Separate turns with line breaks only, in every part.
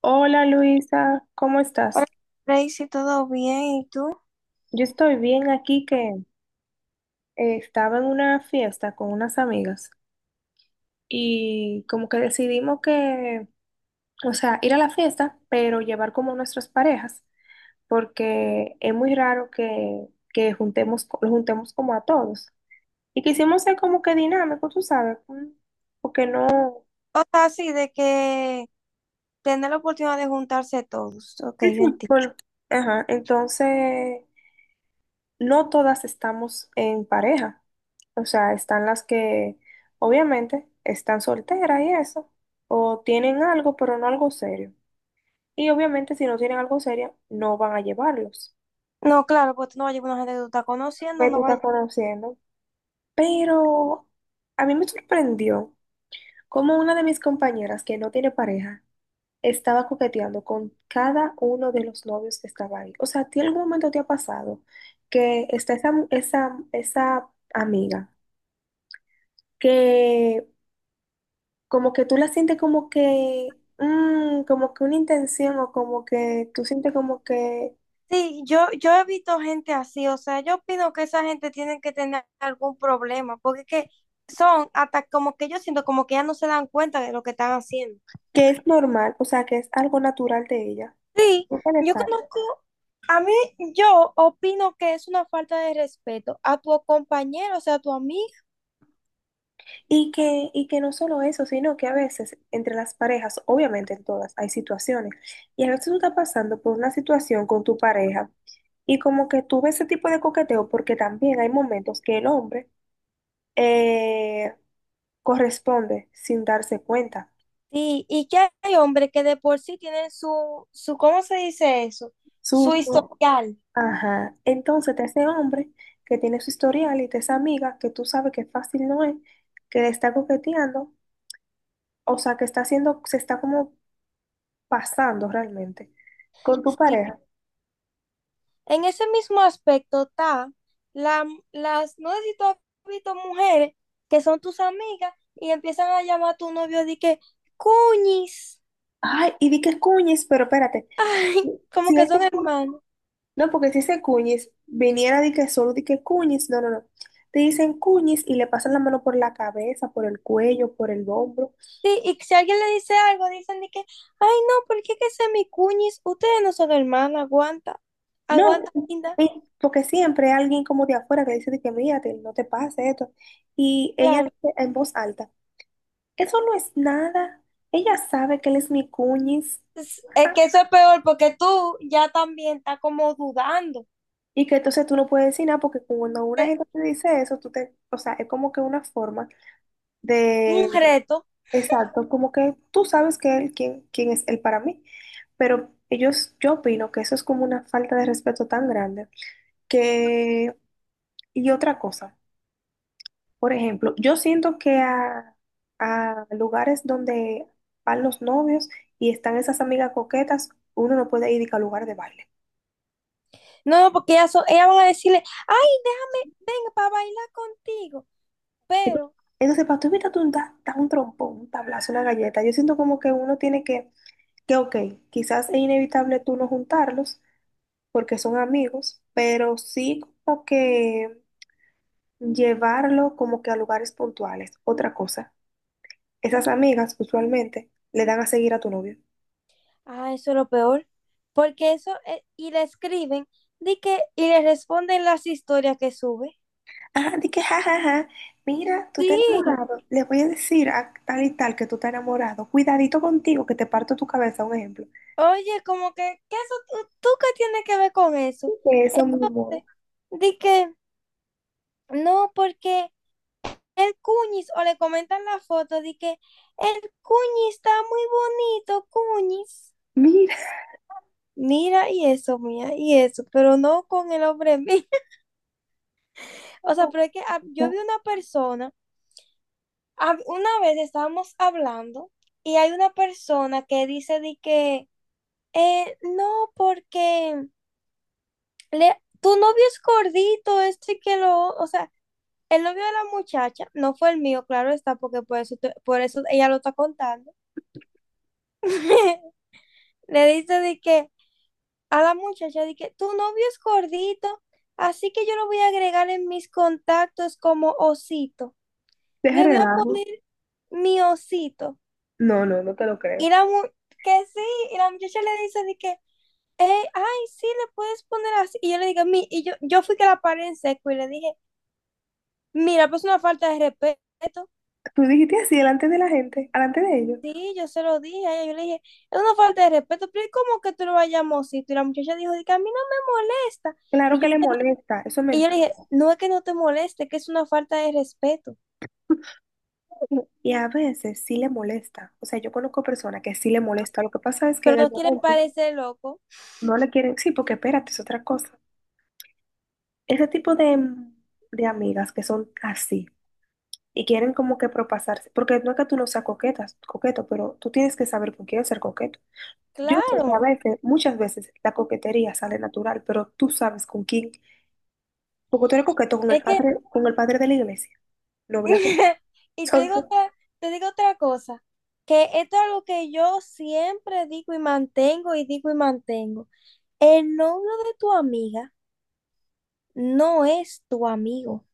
Hola Luisa, ¿cómo estás?
Hola, Tracy, ¿todo bien? ¿Y tú?
Yo estoy bien aquí que estaba en una fiesta con unas amigas y como que decidimos o sea, ir a la fiesta, pero llevar como nuestras parejas, porque es muy raro que juntemos, los juntemos como a todos. Y quisimos ser como que dinámico, tú sabes, porque no,
O sea, sí, de que tener la oportunidad de juntarse todos. Ok, yo entiendo.
bueno, ajá, entonces no todas estamos en pareja. O sea, están las que obviamente están solteras y eso, o tienen algo, pero no algo serio. Y obviamente si no tienen algo serio, no van a llevarlos.
No, claro, pues tú no vas a llevar una gente que tú estás conociendo,
Que tú
no
estás
vayas.
conociendo. Pero a mí me sorprendió cómo una de mis compañeras que no tiene pareja estaba coqueteando con cada uno de los novios que estaba ahí. O sea, ¿a ti algún momento te ha pasado que está esa amiga que como que tú la sientes como que, como que una intención o como que tú sientes como
Sí, yo he visto gente así, o sea, yo opino que esa gente tiene que tener algún problema, porque es que son hasta como que yo siento como que ya no se dan cuenta de lo que están haciendo.
que es normal, o sea, que es algo natural de ella.
Sí,
Tú tienes
yo
algo.
conozco, a mí, yo opino que es una falta de respeto a tu compañero, o sea, a tu amigo.
Y que no solo eso, sino que a veces entre las parejas, obviamente en todas, hay situaciones. Y a veces tú estás pasando por una situación con tu pareja y como que tú ves ese tipo de coqueteo porque también hay momentos que el hombre eh, corresponde sin darse cuenta.
Sí, y que hay hombres que de por sí tienen su, ¿cómo se dice eso? Su
Susto.
historial.
Ajá. Entonces, te ese hombre que tiene su historial y te esa amiga que tú sabes que fácil no es, que le está coqueteando, o sea, que está haciendo, se está como pasando realmente con tu
Sí.
pareja.
En ese mismo aspecto está la, las, no sé si tú has visto mujeres que son tus amigas y empiezan a llamar a tu novio de que, cuñis,
Ay, y di que cuñes, pero espérate.
ay, como
Si
que
ese
son
cu-
hermanos.
no, porque si ese cuñis viniera de que solo di que cuñis, no, no, no. Te dicen cuñis y le pasan la mano por la cabeza, por el cuello, por el hombro.
Sí, y si alguien le dice algo, dicen de que, ay, no, ¿por qué que sea mi cuñis? Ustedes no son hermanas, aguanta,
No,
aguanta, linda.
porque siempre hay alguien como de afuera que dice de que mírate, no te pase esto. Y ella
Claro.
dice en voz alta, eso no es nada. Ella sabe que él es mi cuñis
Es que eso es peor porque tú ya también estás como dudando.
y que entonces tú no puedes decir nada porque cuando una
Es
gente te dice eso, tú te, o sea, es como que una forma
un
de,
reto.
exacto, como que tú sabes que él, quién, quién es él para mí. Pero ellos, yo opino que eso es como una falta de respeto tan grande que, y otra cosa. Por ejemplo, yo siento que a lugares donde van los novios y están esas amigas coquetas, uno no puede ir ni que a lugar de baile.
No, no, porque ellas, son- ellas van a decirle, ay, deja- venga para bailar contigo.
Ento-
Pero,
Entonces, para tú invitarte un, da, da un trompón, un tablazo, una galleta, yo siento como que uno tiene que, ok, quizás es inevitable tú no juntarlos porque son amigos, pero sí como que llevarlo como que a lugares puntuales. Otra cosa, esas amigas usualmente le dan a seguir a tu novio.
ah, eso es lo peor. Porque eso, y le escriben, di que, y le responden las historias que sube.
Ajá, di que jajaja, mira, tú te has
Sí,
enamorado, le voy a decir a tal y tal que tú te has enamorado, cuidadito contigo que te parto tu cabeza, un ejemplo.
oye, como que, ¿qué eso, tú qué tienes que ver con eso?
Que eso, mi amor,
Entonces, di que, no, porque el cuñis o le comentan la foto de que el cuñis está muy bonito, cuñis.
mira,
Mira, y eso, mía, y eso, pero no con el hombre mío. O sea, pero es que ah, yo vi una persona, ah, una vez estábamos hablando y hay una persona que dice de que, no, porque le, tu novio es gordito, este que lo, o sea, el novio de la muchacha, no fue el mío, claro está, porque por eso, te- por eso ella lo está contando. Le dice de que a la muchacha, de que tu novio es gordito, así que yo lo voy a agregar en mis contactos como osito.
deja
Le voy a
relajo.
poner mi osito.
No, no, no te lo
Y
creo.
la mu- que sí, y la muchacha le dice de que: ay, sí, le puedes poner así". Y yo le digo, mi, y yo fui que la paré en seco y le dije, mira, pues una falta de respeto.
Tú dijiste así delante de la gente, delante de ellos.
Sí, yo se lo dije a ella, yo le dije, es una falta de respeto, pero ¿y ¿cómo que tú lo vayamos? Y la muchacha dijo, de que a mí no me molesta.
Claro
Y yo,
que le molesta, eso es
y yo le dije,
mentira.
no es que no te moleste, es que es una falta de respeto,
Y a veces sí le molesta. O sea, yo conozco personas que sí le molesta. Lo que pasa es que
pero
en el
no quieren
momento
parecer locos.
no le quieren, sí, porque espérate, es otra cosa. Ese tipo de amigas que son así. Y quieren como que propasarse, porque no es que tú no seas coqueta, coqueto, pero tú tienes que saber con quién ser coqueto. Yo sé que a
Claro,
veces, muchas veces la coquetería sale natural, pero tú sabes con quién, porque tú eres coqueto
es que,
con el padre de la iglesia, no, ¿verdad?
y
Entonces,
te digo otra cosa, que esto es algo que yo siempre digo y mantengo y digo y mantengo. El novio de tu amiga no es tu amigo.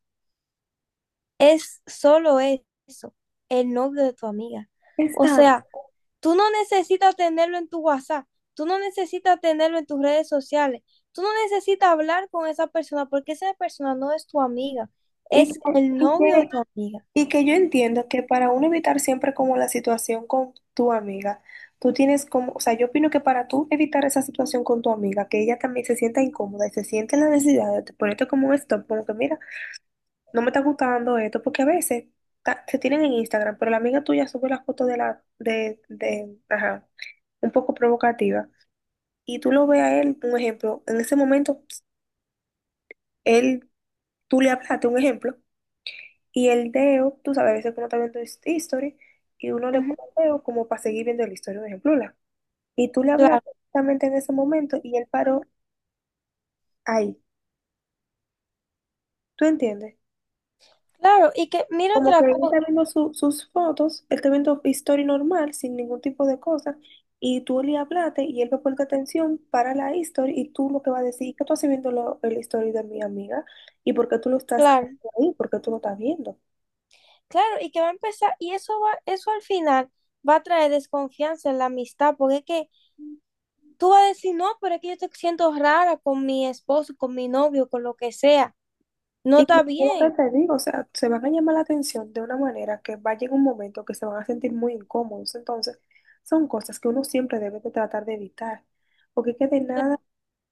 Es solo eso, el novio de tu amiga. O
exacto.
sea, tú no necesitas tenerlo en tu WhatsApp, tú no necesitas tenerlo en tus redes sociales, tú no necesitas hablar con esa persona porque esa persona no es tu amiga,
Y
es
que,
el
y
novio de
que,
tu amiga.
y que yo entiendo que para uno evitar siempre como la situación con tu amiga, tú tienes como, o sea, yo opino que para tú evitar esa situación con tu amiga, que ella también se sienta incómoda y se siente la necesidad de ponerte como un stop, como que mira, no me está gustando esto, porque a veces se tienen en Instagram, pero la amiga tuya sube la foto de la, ajá, un poco provocativa, y tú lo ves a él, un ejemplo, en ese momento, él, tú le hablaste, un ejemplo, y el dedo, tú sabes, a veces uno está viendo history, y uno le
Ujú,
pone el dedo como para seguir viendo la historia, un ejemplo, y tú le
claro,
hablaste exactamente en ese momento, y él paró ahí, ¿tú entiendes?
claro, y que mira
Como que
otra
él
cosa,
está viendo sus fotos, él está viendo historia normal, sin ningún tipo de cosa, y tú le hablaste y él va a ponerte atención para la historia y tú lo que vas a decir, ¿que tú estás viendo lo, el historia de mi amiga? ¿Y por qué tú lo estás
claro,
ahí? ¿Por qué tú lo estás viendo?
claro, y que va a empezar, y eso va, eso al final va a traer desconfianza en la amistad, porque es que tú vas a decir, no, pero es que yo te siento rara con mi esposo, con mi novio, con lo que sea. No
Y es lo
está bien.
que te digo, o sea, se van a llamar la atención de una manera que va a llegar un momento que se van a sentir muy incómodos. Entonces, son cosas que uno siempre debe de tratar de evitar, porque es que de nada,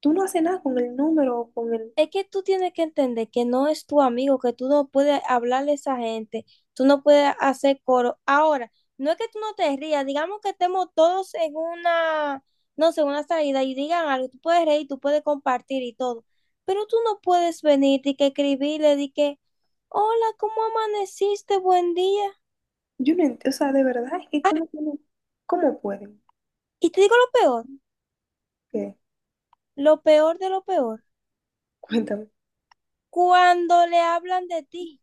tú no haces nada con el número, o con el.
Es que tú tienes que entender que no es tu amigo, que tú no puedes hablarle a esa gente, tú no puedes hacer coro. Ahora, no es que tú no te rías, digamos que estemos todos en una, no sé, una salida y digan algo, tú puedes reír, tú puedes compartir y todo, pero tú no puedes venir y que escribirle, di que, hola, ¿cómo amaneciste? Buen día.
Yo no entiendo, o sea, de verdad, es que cómo tienen, cómo pueden.
Y te digo
¿Qué?
lo peor de lo peor,
Cuéntame.
cuando le hablan de ti.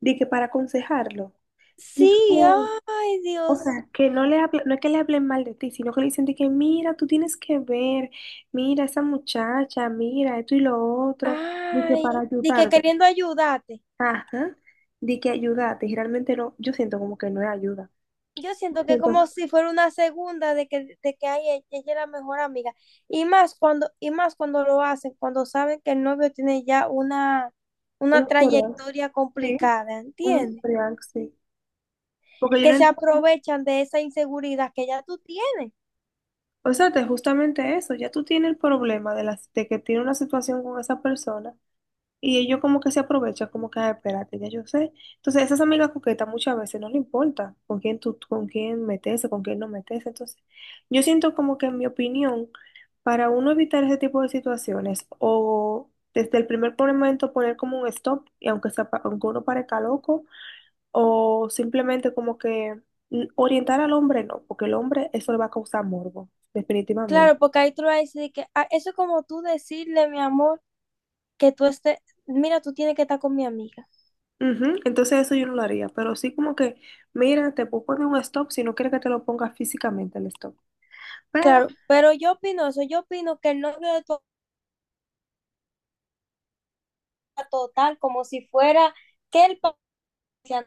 Di que para aconsejarlo.
Sí,
Dijo,
ay,
o
Dios.
sea, que no no es que le hablen mal de ti, sino que le dicen de que mira, tú tienes que ver, mira esa muchacha, mira esto y lo otro, di que
Ay,
para
de que
ayudarte.
queriendo ayudarte.
Ajá, di que ayudarte. Y realmente no, yo siento como que no es ayuda.
Yo siento que como
Siento
si fuera una segunda de que ay, e- ella es la mejor amiga. Y más cuando lo hacen, cuando saben que el novio tiene ya
un
una
historial,
trayectoria
sí,
complicada,
un
¿entiendes?
historial, sí. Porque yo no.
Que se aprovechan de esa inseguridad que ya tú tienes.
O sea, es justamente eso, ya tú tienes el problema de, las de que tiene una situación con esa persona y ellos como que se aprovechan, como que, "Ah, espérate, ya yo sé". Entonces, esas amigas coquetas muchas veces no le importa con quién tú, con quién meterse, con quién no meterse. Entonces, yo siento como que en mi opinión, para uno evitar ese tipo de situaciones o desde el primer momento poner como un stop, y aunque, sea, aunque uno parezca loco, o simplemente como que orientar al hombre, no, porque el hombre eso le va a causar morbo, definitivamente.
Claro, porque ahí tú le vas a decir que "Ah, eso es como tú decirle, mi amor, que tú estés, mira, tú tienes que estar con mi amiga".
Ujú. Entonces eso yo no lo haría, pero sí como que, mira, te puedo poner un stop si no quieres que te lo ponga físicamente el stop.
Claro,
Pero
pero yo opino eso, yo opino que el novio de tu total, como si fuera que el país se